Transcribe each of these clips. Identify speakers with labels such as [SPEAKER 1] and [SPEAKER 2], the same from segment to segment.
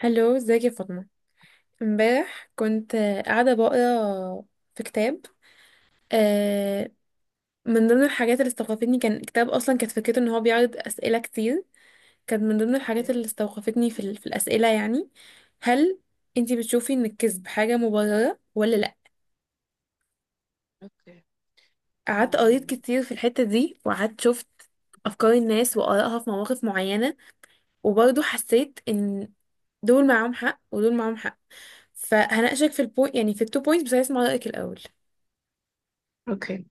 [SPEAKER 1] هلو ازيك يا فاطمة. امبارح كنت قاعدة بقرا في كتاب. آه، من ضمن الحاجات اللي استوقفتني كان كتاب أصلا كانت فكرته إن هو بيعرض أسئلة كتير. كانت من ضمن الحاجات
[SPEAKER 2] اوكي.
[SPEAKER 1] اللي استوقفتني في الأسئلة، يعني هل انتي بتشوفي إن الكذب حاجة مبررة ولا لأ؟
[SPEAKER 2] اوكي.
[SPEAKER 1] قعدت قريت
[SPEAKER 2] أم،
[SPEAKER 1] كتير في الحتة دي وقعدت شفت أفكار الناس وآرائها في مواقف معينة. وبرضه حسيت إن دول معاهم حق ودول معاهم حق. فهناقشك في البوينت، يعني في التو بوينتس، بس عايز اسمع رأيك الأول.
[SPEAKER 2] اوكي.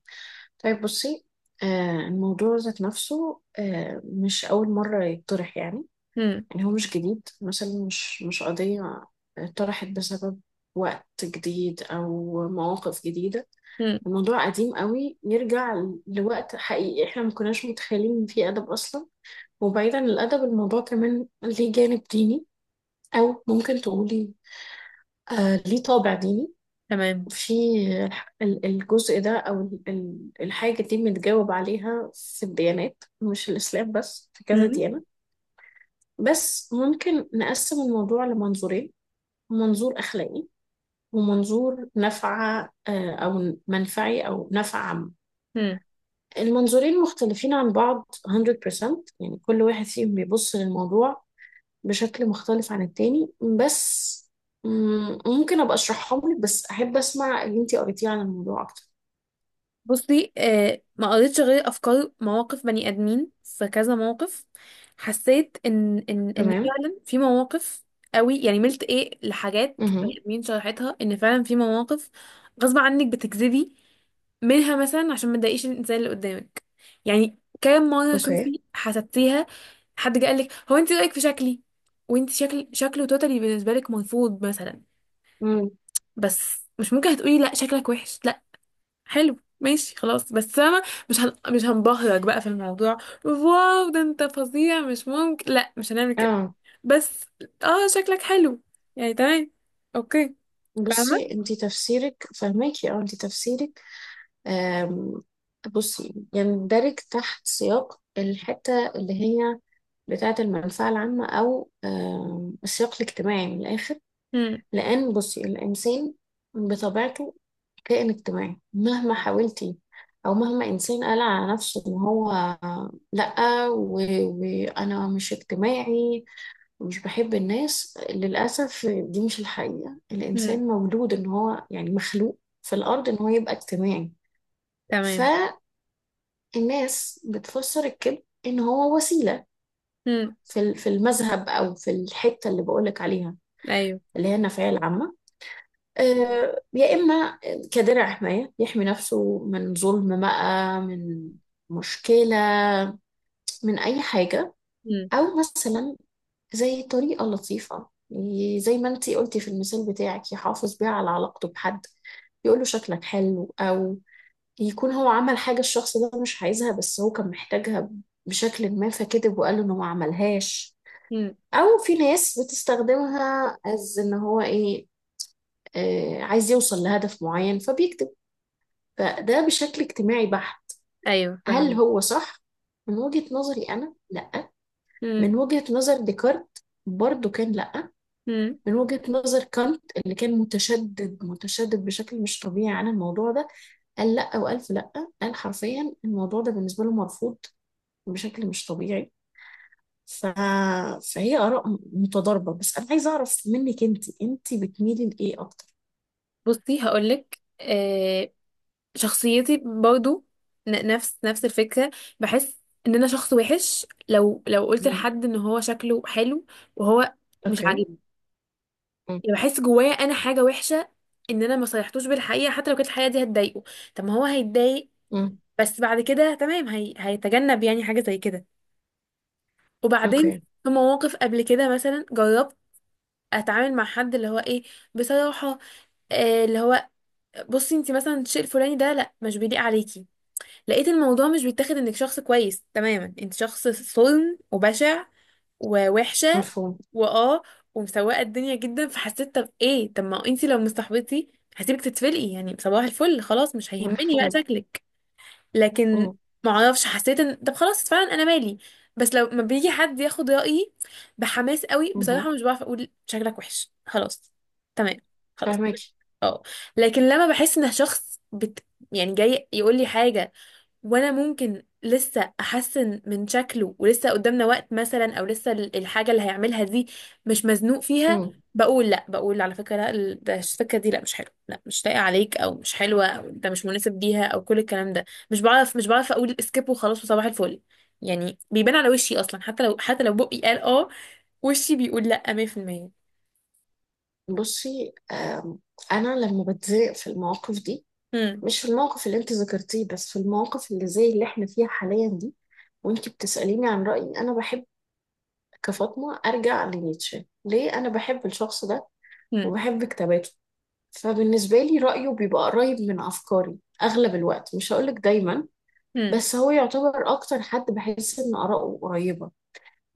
[SPEAKER 2] طيب بصي، الموضوع ذات نفسه، مش أول مرة يطرح. يعني هو مش جديد، مثلا مش قضية طرحت بسبب وقت جديد أو مواقف جديدة.
[SPEAKER 1] مم.
[SPEAKER 2] الموضوع قديم قوي، يرجع لوقت. حقيقي احنا ما كناش متخيلين ان في أدب أصلا. وبعيدا عن الأدب، الموضوع كمان ليه جانب ديني، أو ممكن تقولي ليه طابع ديني.
[SPEAKER 1] تمام.
[SPEAKER 2] في الجزء ده، او الحاجه دي متجاوب عليها في الديانات، مش الاسلام بس، في كذا
[SPEAKER 1] مم.
[SPEAKER 2] ديانه. بس ممكن نقسم الموضوع لمنظورين: منظور اخلاقي، ومنظور نفع، او منفعي، او نفع عام.
[SPEAKER 1] مم.
[SPEAKER 2] المنظورين مختلفين عن بعض 100%. يعني كل واحد فيهم بيبص للموضوع بشكل مختلف عن التاني. بس ممكن ابقى اشرحهم لك، بس احب اسمع اللي انتي قريتيه عن الموضوع اكتر.
[SPEAKER 1] بصي آه، ما قريتش غير افكار مواقف بني ادمين في كذا موقف. حسيت ان
[SPEAKER 2] تمام.
[SPEAKER 1] فعلا في مواقف قوي، يعني ملت ايه لحاجات بني
[SPEAKER 2] مهم.
[SPEAKER 1] ادمين شرحتها، ان فعلا في مواقف غصب عنك بتكذبي منها، مثلا عشان ما تضايقيش الانسان اللي قدامك. يعني كام مره
[SPEAKER 2] اوكي.
[SPEAKER 1] شوفي حسبتيها؟ حد قال لك هو انت رايك في شكلي، وانت شكل شكله توتالي بالنسبه لك مرفوض مثلا،
[SPEAKER 2] امم
[SPEAKER 1] بس مش ممكن هتقولي لا شكلك وحش. حلو ماشي، خلاص، بس انا مش هنبهرك بقى في الموضوع. واو ده انت فظيع، مش ممكن، لا مش هنعمل كده.
[SPEAKER 2] اه
[SPEAKER 1] بس اه شكلك حلو، يعني تمام. اوكي
[SPEAKER 2] بصي،
[SPEAKER 1] فاهمة.
[SPEAKER 2] انتي تفسيرك فهماكي. اه انتي تفسيرك. آم، بصي، يندرج تحت سياق الحتة اللي هي بتاعة المنفعة العامة، أو السياق الاجتماعي من الآخر.
[SPEAKER 1] هم.
[SPEAKER 2] لأن بصي، الإنسان بطبيعته كائن اجتماعي، مهما حاولتي أو مهما إنسان قال على نفسه إن هو لأ و- وأنا مش اجتماعي، مش بحب الناس. للأسف دي مش الحقيقة،
[SPEAKER 1] هم.
[SPEAKER 2] الإنسان مولود إن هو، يعني، مخلوق في الأرض إن هو يبقى اجتماعي.
[SPEAKER 1] تمام.
[SPEAKER 2] فالناس بتفسر الكذب إن هو وسيلة،
[SPEAKER 1] هم.
[SPEAKER 2] في في المذهب، أو في الحتة اللي بقولك عليها،
[SPEAKER 1] ايوه.
[SPEAKER 2] اللي هي النفعية العامة. يا إما كدرع حماية يحمي نفسه من ظلم، بقى، من مشكلة، من أي حاجة.
[SPEAKER 1] هم.
[SPEAKER 2] أو مثلا زي طريقة لطيفة، زي ما انتي قلتي في المثال بتاعك، يحافظ بيها على علاقته بحد، يقول له شكلك حلو. أو يكون هو عمل حاجة الشخص ده مش عايزها، بس هو كان محتاجها بشكل ما، فكذب وقال له إنه ما عملهاش.
[SPEAKER 1] هم.
[SPEAKER 2] أو في ناس بتستخدمها از إن هو إيه، عايز يوصل لهدف معين فبيكتب. فده بشكل اجتماعي بحت.
[SPEAKER 1] ايوه
[SPEAKER 2] هل
[SPEAKER 1] فاهمين.
[SPEAKER 2] هو صح؟ من وجهة نظري أنا، لأ.
[SPEAKER 1] هم.
[SPEAKER 2] من وجهة نظر ديكارت برضو كان لأ.
[SPEAKER 1] هم.
[SPEAKER 2] من وجهة نظر كانت، اللي كان متشدد متشدد بشكل مش طبيعي عن الموضوع ده، قال لأ وألف لأ. قال حرفيا الموضوع ده بالنسبة له مرفوض بشكل مش طبيعي. ف... فهي آراء متضاربة. بس أنا عايزة أعرف منك أنت، بتميلي لإيه أكتر؟
[SPEAKER 1] بصي هقولك آه، شخصيتي برضو نفس الفكرة. بحس ان انا شخص وحش لو قلت
[SPEAKER 2] مم.
[SPEAKER 1] لحد ان هو شكله حلو وهو مش
[SPEAKER 2] أوكي.
[SPEAKER 1] عاجبني.
[SPEAKER 2] مم.
[SPEAKER 1] يعني بحس جوايا انا حاجه وحشه ان انا ما صالحتوش بالحقيقه، حتى لو كانت الحقيقه دي هتضايقه. طب ما هو هيتضايق
[SPEAKER 2] مم.
[SPEAKER 1] بس بعد كده تمام، هيتجنب يعني حاجه زي كده. وبعدين
[SPEAKER 2] أوكي.
[SPEAKER 1] في مواقف قبل كده مثلا جربت اتعامل مع حد اللي هو ايه، بصراحه، اللي هو بصي انت مثلا الشيء الفلاني ده لا مش بيليق عليكي. لقيت الموضوع مش بيتاخد انك شخص كويس، تماما انت شخص صلن وبشع ووحشه
[SPEAKER 2] مفهوم.
[SPEAKER 1] واه ومسوقه الدنيا جدا. فحسيت طب ايه، طب ما انتي لو مصاحبتي هسيبك تتفلقي، يعني صباح الفل، خلاص مش هيهمني بقى
[SPEAKER 2] مفهوم.
[SPEAKER 1] شكلك. لكن
[SPEAKER 2] مم.
[SPEAKER 1] ما اعرفش، حسيت ان طب خلاص فعلا انا مالي. بس لو ما بيجي حد ياخد رايي بحماس قوي بصراحه،
[SPEAKER 2] مهم.
[SPEAKER 1] مش بعرف اقول شكلك وحش خلاص. تمام، خلاص.
[SPEAKER 2] فاهمك.
[SPEAKER 1] اه. لكن لما بحس ان يعني جاي يقول لي حاجه، وانا ممكن لسه احسن من شكله ولسه قدامنا وقت مثلا، او لسه الحاجه اللي هيعملها دي مش مزنوق فيها،
[SPEAKER 2] مم.
[SPEAKER 1] بقول لا. بقول على فكره لا، ال- ده الفكره دي لا مش حلوه، لا مش لايقه عليك، او مش حلوه، او ده مش مناسب ليها، او كل الكلام ده. مش بعرف، مش بعرف اقول سكيب وخلاص وصباح الفل. يعني بيبان على وشي اصلا، حتى لو حتى لو بقي قال اه، وشي بيقول لا 100%.
[SPEAKER 2] بصي أنا لما بتضايق في المواقف دي،
[SPEAKER 1] امم.
[SPEAKER 2] مش في الموقف اللي انت ذكرتيه، بس في المواقف اللي زي اللي احنا فيها حاليا دي، وانت بتسأليني عن رأيي، انا بحب كفاطمة ارجع لنيتشه. ليه انا بحب الشخص ده
[SPEAKER 1] امم.
[SPEAKER 2] وبحب كتاباته؟ فبالنسبة لي رأيه بيبقى قريب من افكاري اغلب الوقت، مش هقولك دايما،
[SPEAKER 1] امم.
[SPEAKER 2] بس هو يعتبر اكتر حد بحس ان آراءه قريبة.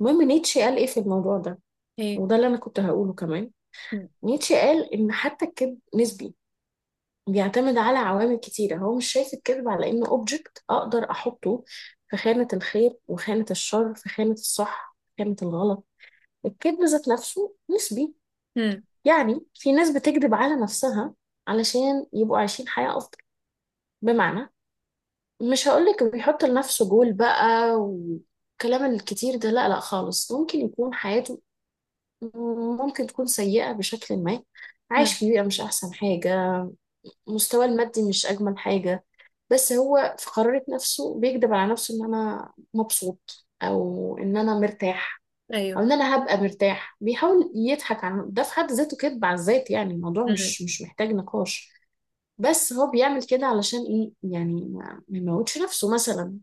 [SPEAKER 2] المهم، نيتشه قال ايه في الموضوع ده،
[SPEAKER 1] ايه.
[SPEAKER 2] وده اللي انا كنت هقوله كمان.
[SPEAKER 1] امم.
[SPEAKER 2] نيتشه قال ان حتى الكذب نسبي، بيعتمد على عوامل كتيرة. هو مش شايف الكذب على إنه أوبجكت أقدر أحطه في خانة الخير وخانة الشر، في خانة الصح في خانة الغلط. الكذب ذات نفسه نسبي. يعني في ناس بتكذب على نفسها علشان يبقوا عايشين حياة أفضل. بمعنى، مش هقولك بيحط لنفسه جول بقى والكلام الكتير ده، لا لا خالص، ممكن يكون حياته ممكن تكون سيئة بشكل ما، عايش
[SPEAKER 1] امم.
[SPEAKER 2] في بيئة مش أحسن حاجة، مستواه المادي مش أجمل حاجة. بس هو في قرارة نفسه بيكذب على نفسه ان انا مبسوط، او ان انا مرتاح،
[SPEAKER 1] ايوه.
[SPEAKER 2] او ان انا هبقى مرتاح. بيحاول يضحك عن ده، في حد ذاته كذب على الذات، يعني الموضوع
[SPEAKER 1] امم.
[SPEAKER 2] مش محتاج نقاش. بس هو بيعمل كده علشان ايه؟ يعني ما يموتش نفسه مثلا.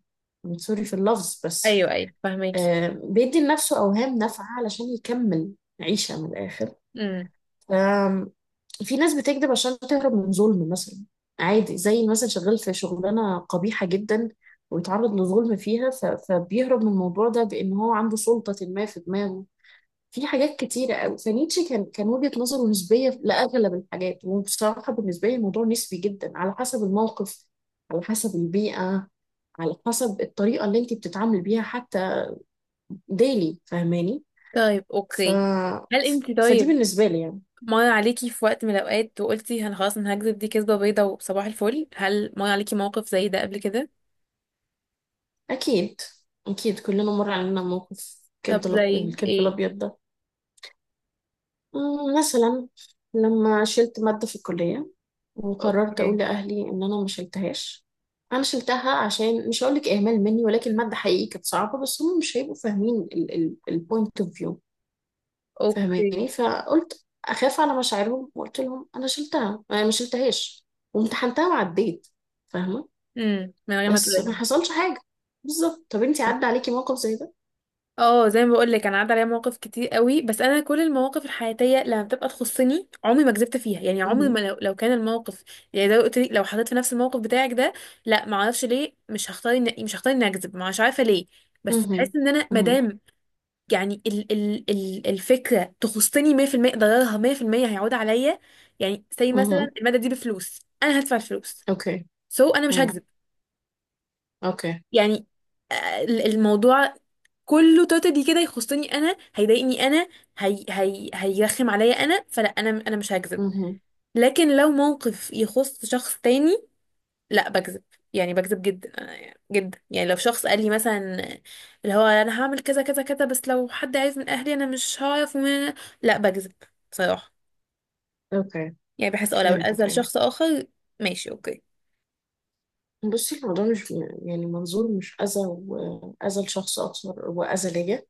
[SPEAKER 2] سوري في اللفظ بس.
[SPEAKER 1] ايوه ايوه فهماكي.
[SPEAKER 2] بيدي لنفسه اوهام نافعة علشان يكمل عيشة من الاخر. في ناس بتكذب عشان تهرب من ظلم مثلا، عادي، زي مثلا شغال في شغلانة قبيحة جدا ويتعرض لظلم فيها، فبيهرب من الموضوع ده بأن هو عنده سلطة ما في دماغه. في حاجات كتيرة قوي. فنيتشه كان وجهة نظره نسبية لأغلب الحاجات. وبصراحة بالنسبة لي الموضوع نسبي جدا، على حسب الموقف، على حسب البيئة، على حسب الطريقة اللي انت بتتعامل بيها حتى. ديلي فاهماني؟
[SPEAKER 1] طيب
[SPEAKER 2] ف...
[SPEAKER 1] اوكي. هل انت
[SPEAKER 2] فدي
[SPEAKER 1] طيب
[SPEAKER 2] بالنسبة لي، يعني.
[SPEAKER 1] مر عليكي في وقت من الاوقات وقلتي انا خلاص انا هكذب دي كذبه بيضه وصباح الفل؟ هل مر عليكي موقف زي ده قبل كده؟
[SPEAKER 2] أكيد، أكيد كلنا مر علينا موقف الكذب
[SPEAKER 1] طب زي
[SPEAKER 2] الكذب
[SPEAKER 1] ايه؟
[SPEAKER 2] الأبيض ده. مثلا لما شلت مادة في الكلية وقررت أقول
[SPEAKER 1] اوكي.
[SPEAKER 2] لأهلي إن أنا ما شلتهاش. أنا شلتها، عشان مش هقولك إهمال مني، ولكن المادة حقيقي كانت صعبة، بس هم مش هيبقوا فاهمين البوينت اوف فيو.
[SPEAKER 1] اوكي.
[SPEAKER 2] فاهماني؟ فقلت أخاف على مشاعرهم، وقلت لهم أنا شلتها. أنا ما شلتهاش، وامتحنتها وعديت. فاهمة؟
[SPEAKER 1] امم. من غير ما
[SPEAKER 2] بس
[SPEAKER 1] تقولي
[SPEAKER 2] ما
[SPEAKER 1] لهم.
[SPEAKER 2] حصلش حاجة. بالظبط، طب انتي عدى عليكي موقف زي
[SPEAKER 1] اه زي ما بقول لك انا عدى عليا مواقف كتير قوي. بس انا كل المواقف الحياتيه لما بتبقى تخصني عمري ما كذبت فيها. يعني
[SPEAKER 2] ده؟
[SPEAKER 1] عمري ما لو كان الموقف، يعني زي ما قلت لك، لو حطيت في نفس الموقف بتاعك ده، لا. ما اعرفش ليه مش هختار مش هختار اني اكذب، مش عارفه ليه. بس
[SPEAKER 2] مهم.
[SPEAKER 1] بحس ان انا ما
[SPEAKER 2] مهم.
[SPEAKER 1] دام، يعني ال الفكرة تخصني 100%، ضررها 100% هيعود عليا. يعني زي مثلا
[SPEAKER 2] مهم.
[SPEAKER 1] المادة دي بفلوس انا هدفع الفلوس،
[SPEAKER 2] اوكي.
[SPEAKER 1] so انا مش
[SPEAKER 2] مم.
[SPEAKER 1] هكذب.
[SPEAKER 2] اوكي.
[SPEAKER 1] يعني الموضوع كله توتالي كده يخصني انا، هيضايقني انا، هي هي هيرخم عليا انا، فلا انا مش هكذب.
[SPEAKER 2] مهم.
[SPEAKER 1] لكن لو موقف يخص شخص تاني، لا بكذب. يعني بكذب جدا. جدا يعني لو شخص قال لي مثلا، اللي هو انا هعمل كذا كذا كذا بس لو حد عايز من اهلي انا مش هعرف لا بكذب بصراحة.
[SPEAKER 2] اوكي.
[SPEAKER 1] يعني بحس اه لو
[SPEAKER 2] فهمتك.
[SPEAKER 1] الاذى
[SPEAKER 2] ايوه.
[SPEAKER 1] لشخص اخر. ماشي اوكي.
[SPEAKER 2] بصي الموضوع مش، يعني منظور، مش اذى، واذى لشخص اكثر، واذى ليا.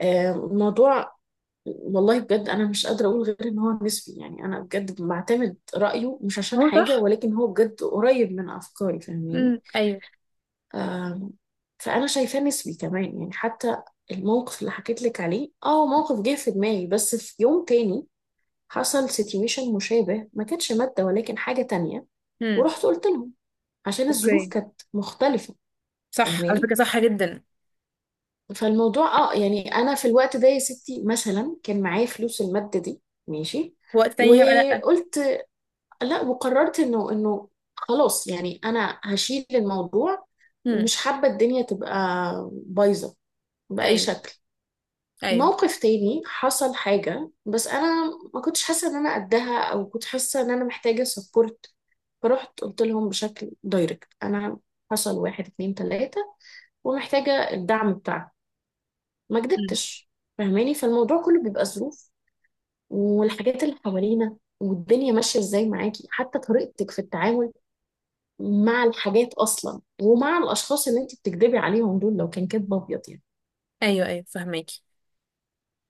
[SPEAKER 2] الموضوع، والله بجد انا مش قادره اقول غير ان هو نسبي. يعني انا بجد بعتمد رايه، مش عشان
[SPEAKER 1] هو
[SPEAKER 2] حاجه،
[SPEAKER 1] صح.
[SPEAKER 2] ولكن هو بجد قريب من افكاري.
[SPEAKER 1] امم.
[SPEAKER 2] فاهماني؟
[SPEAKER 1] ايوه.
[SPEAKER 2] آم، فانا شايفاه نسبي كمان. يعني حتى الموقف اللي حكيت لك عليه، موقف جه في دماغي، بس في يوم تاني حصل سيتويشن مشابه، ما كانتش مادة ولكن حاجة تانية.
[SPEAKER 1] امم.
[SPEAKER 2] ورحت قلت لهم، عشان الظروف
[SPEAKER 1] اوكي.
[SPEAKER 2] كانت مختلفة.
[SPEAKER 1] صح على
[SPEAKER 2] فاهماني؟
[SPEAKER 1] فكرة، صح جدا.
[SPEAKER 2] فالموضوع يعني انا في الوقت ده يا ستي مثلا كان معايا فلوس المادة دي، ماشي.
[SPEAKER 1] في وقت تاني هيبقى لا.
[SPEAKER 2] وقلت لا، وقررت انه خلاص، يعني انا هشيل الموضوع،
[SPEAKER 1] امم.
[SPEAKER 2] ومش حابة الدنيا تبقى بايظة بأي
[SPEAKER 1] ايوه
[SPEAKER 2] شكل.
[SPEAKER 1] ايوه.
[SPEAKER 2] موقف تاني حصل حاجة، بس أنا ما كنتش حاسة إن أنا قدها، أو كنت حاسة إن أنا محتاجة سبورت. فرحت قلت لهم بشكل دايركت: أنا حصل واحد اتنين تلاتة، ومحتاجة الدعم بتاعك. ما
[SPEAKER 1] امم.
[SPEAKER 2] كدبتش. فاهماني؟ فالموضوع كله بيبقى ظروف، والحاجات اللي حوالينا، والدنيا ماشية ازاي معاكي، حتى طريقتك في التعامل مع الحاجات أصلا، ومع الأشخاص اللي انت بتكدبي عليهم دول لو كان كدب أبيض يعني.
[SPEAKER 1] ايوه ايوه فهماكي.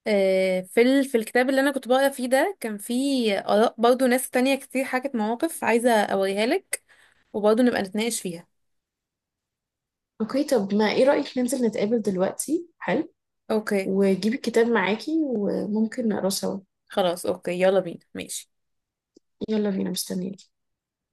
[SPEAKER 1] في الكتاب اللي انا كنت بقرا فيه ده كان فيه اراء برضو ناس تانية كتير حكت مواقف عايزه اوريها لك، وبرضو نبقى نتناقش فيها.
[SPEAKER 2] اوكي، طب ما ايه رأيك ننزل نتقابل دلوقتي؟ حلو،
[SPEAKER 1] اوكي
[SPEAKER 2] وجيبي الكتاب معاكي وممكن نقراه سوا.
[SPEAKER 1] خلاص، اوكي، يلا بينا، ماشي.
[SPEAKER 2] يلا بينا، مستنيين.